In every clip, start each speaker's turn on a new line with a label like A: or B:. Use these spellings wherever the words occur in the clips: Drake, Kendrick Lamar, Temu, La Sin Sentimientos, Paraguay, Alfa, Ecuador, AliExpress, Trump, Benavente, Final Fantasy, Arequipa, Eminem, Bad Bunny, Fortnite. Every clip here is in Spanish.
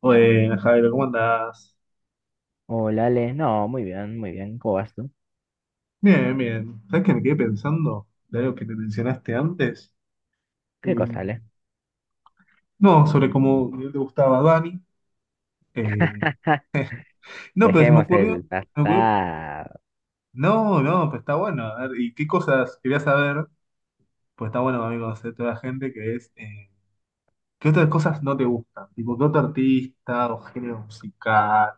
A: Bueno, Javier, ¿cómo andás?
B: Hola, Ale. No, muy bien, muy bien. ¿Cómo vas tú?
A: Bien, bien. ¿Sabes que me quedé pensando de algo que te mencionaste antes?
B: ¿Qué
A: Eh,
B: cosa, Ale?
A: no, sobre cómo te gustaba Dani. Eh, no, pero
B: Dejemos el
A: se me ocurrió-
B: pasado.
A: No, no, pues está bueno. A ver, ¿y qué cosas quería saber? Pues está bueno, amigo, conocer toda la gente que es. ¿Qué otras cosas no te gustan? Tipo, ¿qué otro artista o género musical?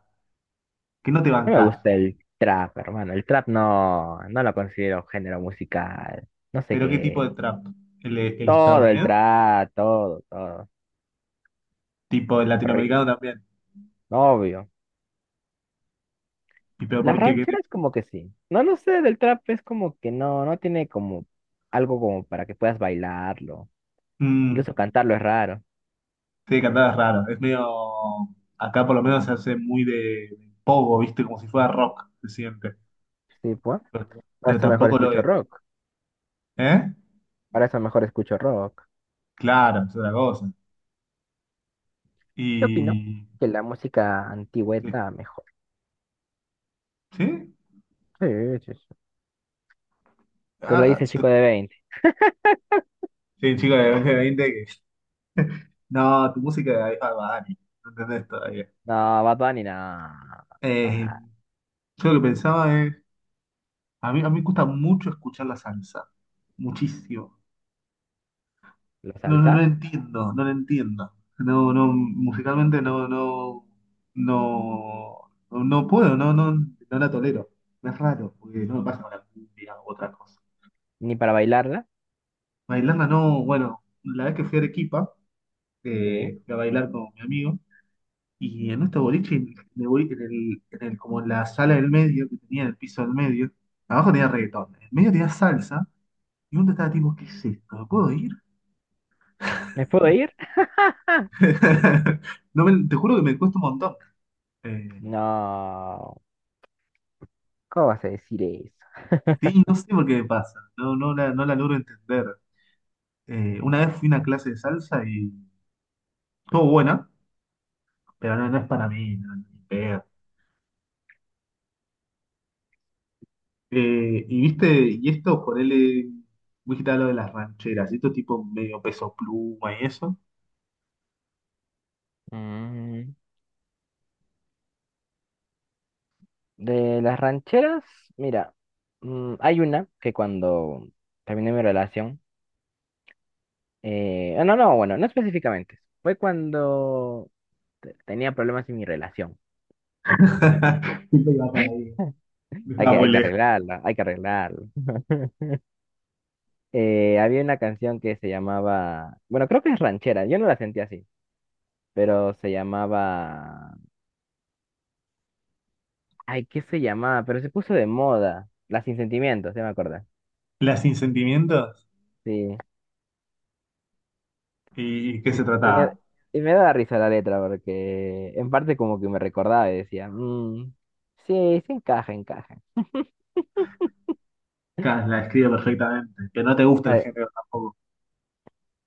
A: ¿Qué no te
B: No me
A: bancás?
B: gusta el trap, hermano. El trap no, no lo considero género musical. No sé
A: ¿Pero qué tipo
B: qué.
A: de trap? ¿El
B: Todo el
A: estadounidense?
B: trap, todo, todo.
A: Tipo, el latinoamericano
B: Horrible.
A: también.
B: Obvio.
A: ¿Y pero
B: Las
A: por qué?
B: rancheras como que sí. No, no sé, del trap es como que no, no tiene como algo como para que puedas bailarlo.
A: Mm.
B: Incluso cantarlo es raro.
A: Sí, cantar es raro. Es medio. Acá por lo menos se hace muy de pogo, ¿viste? Como si fuera rock, se siente.
B: Sí, pues.
A: Pero,
B: Para
A: pero
B: eso mejor
A: tampoco lo
B: escucho
A: es.
B: rock.
A: ¿Eh?
B: Para eso mejor escucho rock.
A: Claro, es otra cosa.
B: Yo opino
A: Y.
B: que la música antigua
A: eh,
B: está mejor.
A: ¿Sí?
B: Sí, sí, sí. Te lo
A: Ah, ah,
B: dice el chico de 20.
A: sí, chico de 20 que. No, tu música de Alfa Dani. No entendés todavía.
B: No, Bad Bunny, no.
A: Eh,
B: Ah,
A: yo lo que pensaba es. A mí me gusta mucho escuchar la salsa. Muchísimo.
B: la
A: No, no,
B: salsa,
A: no lo entiendo. No, no, musicalmente no puedo, no la tolero. Es raro, porque no me pasa con la cumbia u otra cosa.
B: ni para bailarla.
A: Bailarla no, bueno, la vez que fui a Arequipa,
B: Sí.
A: fui a bailar con mi amigo, y en este boliche, en el, boli- en el- como en la sala del medio, que tenía el piso del medio, abajo tenía reggaetón, en el medio tenía salsa, y uno estaba tipo, ¿qué es esto? ¿Me puedo ir?
B: ¿Me puedo ir?
A: No me- Te juro que me cuesta un montón. Eh,
B: No. ¿Cómo vas a decir eso?
A: Sí, no sé por qué me pasa, no, no la logro entender. Una vez fui a una clase de salsa y estuvo buena, pero no, no es para mí, no, ni pedo. Y viste, y esto, ponele, vos dijiste lo de las rancheras, y esto tipo medio peso pluma y eso.
B: Mm, De las rancheras, mira, hay una que cuando terminé mi relación, no, no, bueno, no específicamente, fue cuando tenía problemas en mi relación.
A: Siempre iba por ahí, estaba muy
B: Hay que
A: lejos.
B: arreglarla, hay que arreglarla. Había una canción que se llamaba, bueno, creo que es ranchera, yo no la sentía así, pero se llamaba, ay, ¿qué se llamaba? Pero se puso de moda, La Sin Sentimientos, se me acuerda.
A: Las sin sentimientos,
B: Sí.
A: ¿y qué se
B: Y me,
A: trataba?
B: y me daba risa la letra porque en parte como que me recordaba y decía, "Mm, sí, sí encaja, encaja."
A: Claro, la escribe perfectamente, que no te gusta
B: A
A: el
B: ver,
A: género tampoco,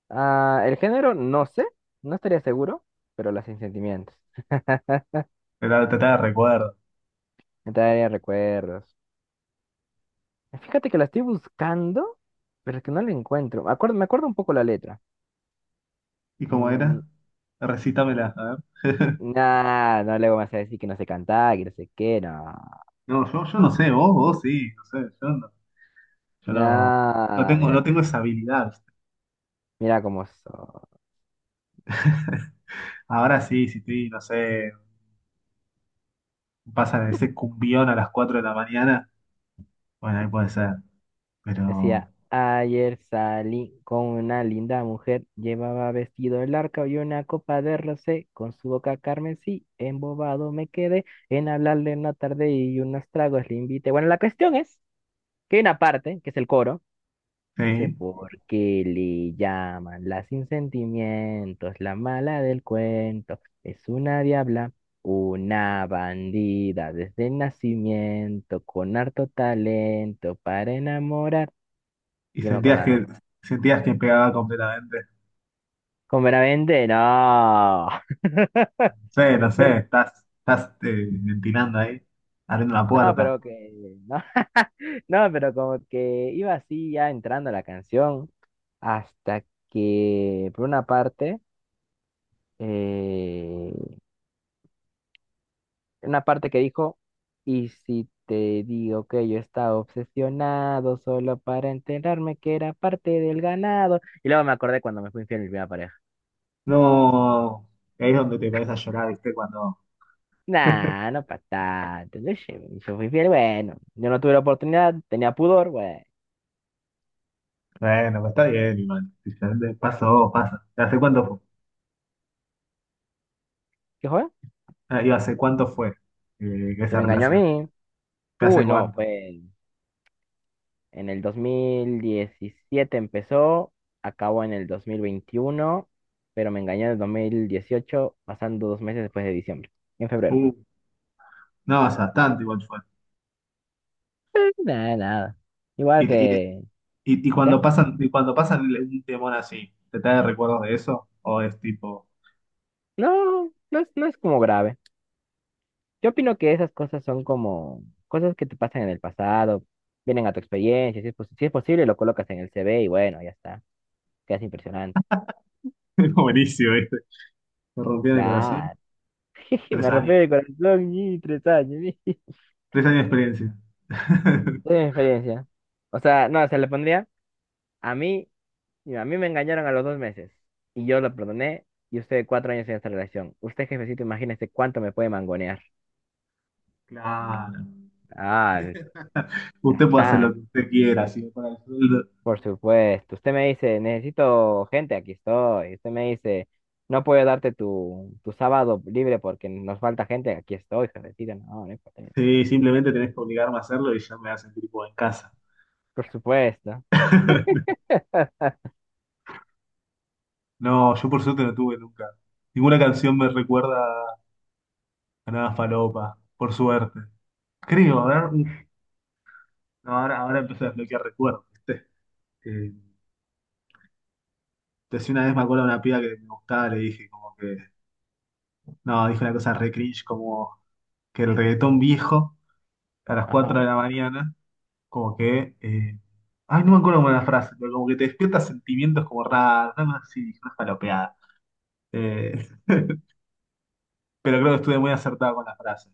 B: el género no sé, no estaría seguro, pero las Sin Sentimientos.
A: te da, te de recuerdo.
B: Me traería recuerdos. Fíjate que la estoy buscando, pero es que no la encuentro. Me acuerdo un poco la letra.
A: ¿Y cómo
B: Mm,
A: era? Recítamela, a ver.
B: nah, no le me vas a decir que no sé cantar, que no sé qué, no.
A: No, yo no sé, vos sí, no sé, yo no, yo no,
B: Nah, mira,
A: no tengo esa habilidad. ¿Viste?
B: mira cómo soy.
A: Ahora sí, si estoy, no sé, pasa de ese cumbión a las 4 de la mañana, bueno, ahí puede ser, pero
B: Decía, ayer salí con una linda mujer, llevaba vestido largo y una copa de rosé, con su boca carmesí, embobado me quedé, en hablarle una tarde y unos tragos le invité. Bueno, la cuestión es que hay una parte, que es el coro. Dice,
A: sí,
B: ¿por qué le llaman la sin sentimientos, la mala del cuento? Es una diabla, una bandida desde el nacimiento, con harto talento para enamorar.
A: y
B: Yo me acordaba de ahí.
A: sentías que pegaba completamente.
B: Con Benavente, no.
A: No sé, no
B: Pero,
A: sé, estás ventilando ahí, abriendo la
B: no,
A: puerta.
B: pero que, no. No, pero como que iba así ya entrando la canción hasta que por eh, una parte que dijo, y si te digo que yo estaba obsesionado solo para enterarme que era parte del ganado. Y luego me acordé cuando me fui infiel a mi primera pareja.
A: No, ahí es donde te pones a llorar, ¿viste? Cuando,
B: Nah, no pa' tanto. Yo, sé, yo fui fiel bueno. Yo no tuve la oportunidad, tenía pudor, bueno.
A: bueno, pues está bien, igual, pasó, pasa. ¿Hace cuánto fue?
B: ¿Qué fue?
A: Ah, ¿y hace cuánto fue
B: Se
A: esa
B: me engañó a
A: relación?
B: mí.
A: ¿Hace
B: Uy, no,
A: cuánto?
B: fue en el 2017 empezó, acabó en el 2021, pero me engañó en el 2018 pasando 2 meses después de diciembre, en febrero.
A: Uh, no, hace bastante igual fue.
B: Nada, nada. Igual
A: Y, te- y, te-
B: que... ¿Qué?
A: y cuando pasan un temón así, ¿te trae recuerdos de eso? ¿O es tipo?
B: No, no es como grave. Yo opino que esas cosas son como cosas que te pasan en el pasado, vienen a tu experiencia, si es, si es posible lo colocas en el CV y bueno, ya está. Quedas impresionante.
A: Buenísimo, ¿viste? Me rompió el corazón.
B: Claro.
A: Tres
B: Me rompió
A: años.
B: el corazón y 3 años.
A: 3 años de experiencia.
B: Es mi experiencia. O sea, no, se le pondría a mí, mira, a mí me engañaron a los 2 meses y yo lo perdoné y usted 4 años en esta relación. Usted, jefecito, imagínese cuánto me puede mangonear.
A: Claro.
B: Ah, ya
A: Usted puede hacer lo
B: está.
A: que usted quiera, si me paga el sueldo.
B: Por supuesto, usted me dice, necesito gente, aquí estoy. Usted me dice, no puedo darte tu sábado libre porque nos falta gente, aquí estoy, jefecita. No, no importa.
A: Sí, simplemente tenés que obligarme a hacerlo y ya me hacen tipo en casa.
B: Por supuesto.
A: No, yo por suerte no tuve nunca. Ninguna canción me recuerda a nada falopa, por suerte. Creo, a ver, uf, no, ahora empecé a desbloquear recuerdos, ¿viste? Eh, decía una vez me acuerdo de una piba que me gustaba, le dije como que, no, dije una cosa re cringe, como que el reggaetón viejo a las 4
B: Ajá.
A: de la mañana, como que, ay, no me acuerdo cómo era la frase, pero como que te despierta sentimientos como raros, nada más así, dije una falopeada. Eh, pero creo que estuve muy acertado con la frase.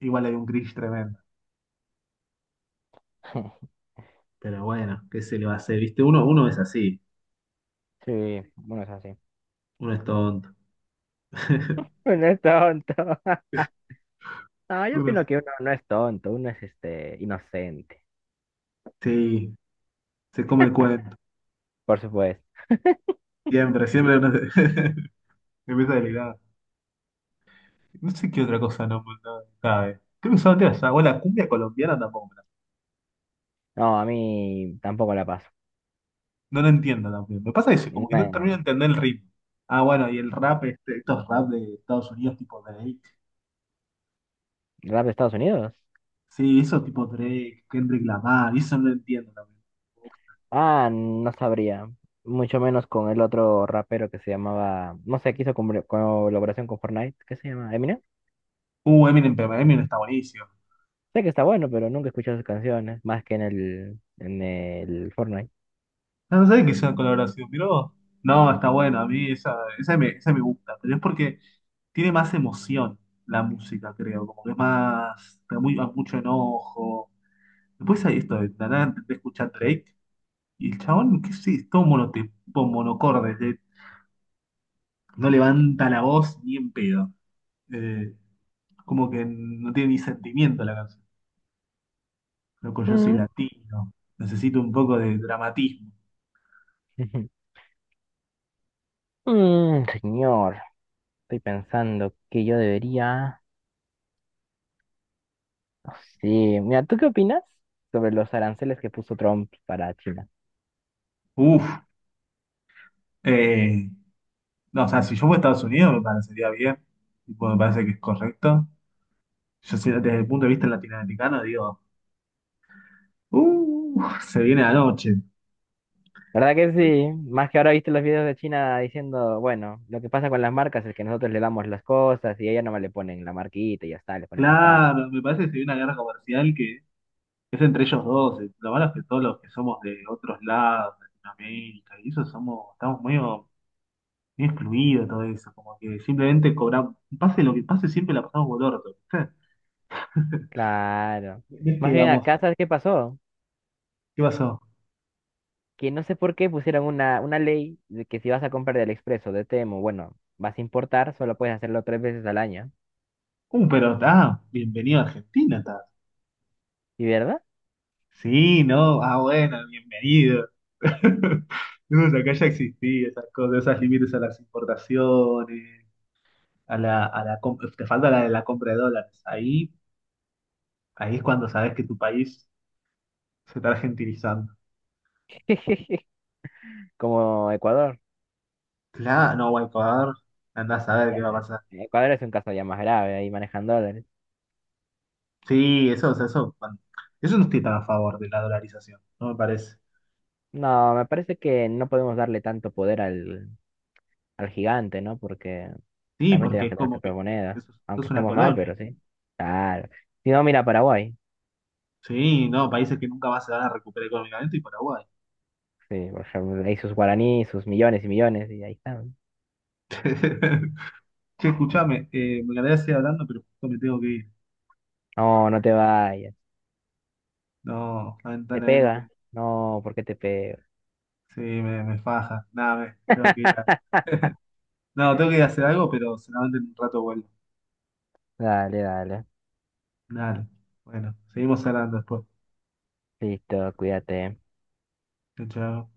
A: Igual hay un cringe tremendo. Pero bueno, ¿qué se le va a hacer? ¿Viste? Uno, uno es así,
B: Sí, bueno, es así.
A: uno es tonto.
B: Uno es tonto. No, yo
A: Uno
B: opino
A: es-
B: que uno no es tonto, uno es este inocente.
A: Sí, se come el cuento.
B: Por supuesto.
A: Siempre, siempre empieza delirado. No sé qué otra cosa no, no cabe. Creo que solamente esa. O la cumbia colombiana tampoco.
B: No, a mí tampoco la paso.
A: No lo entiendo también. Me pasa eso, como que no termino de
B: Me...
A: entender el ritmo. Ah, bueno, y el rap, este, estos rap de Estados Unidos tipo Drake.
B: ¿Rap de Estados Unidos?
A: Sí, eso tipo Drake, Kendrick Lamar, y eso no lo entiendo también.
B: Ah, no sabría. Mucho menos con el otro rapero que se llamaba, no sé, que hizo colaboración con Fortnite, ¿qué se llama? Eminem.
A: Eminem, pero Eminem está buenísimo.
B: Sé que está bueno, pero nunca he escuchado sus canciones, más que en en el Fortnite.
A: Ah, no sé que sea colaboración, pero no, está buena, a mí esa me gusta, pero es porque tiene más emoción la música, creo, como que es más, da mucho enojo. Después hay esto de la nada intenté escuchar Drake y el chabón, qué sé, es todo monotipo, monocorde, no levanta la voz ni en pedo. Eh, como que no tiene ni sentimiento la canción. Loco, yo soy
B: Mm.
A: latino, necesito un poco de dramatismo.
B: Señor, estoy pensando que yo debería... no sé, mira, ¿tú qué opinas sobre los aranceles que puso Trump para China?
A: Uf, eh, No, o sea, si yo voy a Estados Unidos me parecería bien, tipo, me parece que es correcto. Yo sé, desde el punto de vista latinoamericano digo, se viene la noche.
B: ¿Verdad que sí? Más que ahora viste los videos de China diciendo, bueno, lo que pasa con las marcas es que nosotros le damos las cosas y a ella nomás le ponen la marquita y ya está, le ponen más caro.
A: Claro, me parece que se viene una guerra comercial que es entre ellos dos. Lo malo es que todos los que somos de otros lados, Latinoamérica, y eso somos, estamos muy, muy excluidos de todo eso, como que simplemente cobramos, pase lo que pase, siempre la pasamos por el orto, ¿viste?
B: Claro.
A: ¿Ves
B: Más
A: que
B: bien
A: vamos?
B: acá, ¿sabes qué pasó?
A: ¿Qué pasó?
B: Que no sé por qué pusieron una ley de que si vas a comprar de AliExpress o de Temu, bueno, vas a importar, solo puedes hacerlo 3 veces al año.
A: Pero está, bienvenido a Argentina.
B: ¿Y verdad?
A: Sí, no, ah, bueno, bienvenido. No, o sea, acá ya existía esas cosas, esos límites a las importaciones, te falta la de la compra de dólares. Ahí es cuando sabes que tu país se está argentinizando.
B: Como Ecuador.
A: Claro, no, bueno, Ecuador, andás a ver qué va a
B: Ya,
A: pasar.
B: Ecuador es un caso ya más grave, ahí manejan dólares.
A: Sí, eso, o sea, eso, eso no estoy tan a favor de la dolarización, no me parece.
B: No, me parece que no podemos darle tanto poder al gigante, ¿no? Porque
A: Sí,
B: también
A: porque
B: tenemos
A: es
B: que tener
A: como
B: nuestra
A: que
B: propia,
A: eso,
B: aunque
A: es una
B: estemos mal,
A: colonia.
B: pero sí. Claro. Si no, mira Paraguay.
A: Sí, no, países que nunca más se van a recuperar económicamente y Paraguay.
B: Sí, por ejemplo, ahí sus guaraníes, sus millones y millones, y ahí están.
A: Che, escuchame, me encantaría seguir hablando, pero justo me tengo que ir.
B: No, no te vayas.
A: No,
B: ¿Te
A: lamentablemente.
B: pega? No, ¿por qué te pega?
A: Sí, me faja. Nada, tengo que ir a... No, tengo que ir a hacer algo, pero seguramente en un rato vuelvo.
B: Dale, dale.
A: Dale, bueno, seguimos hablando después.
B: Listo, cuídate.
A: Chao, chao.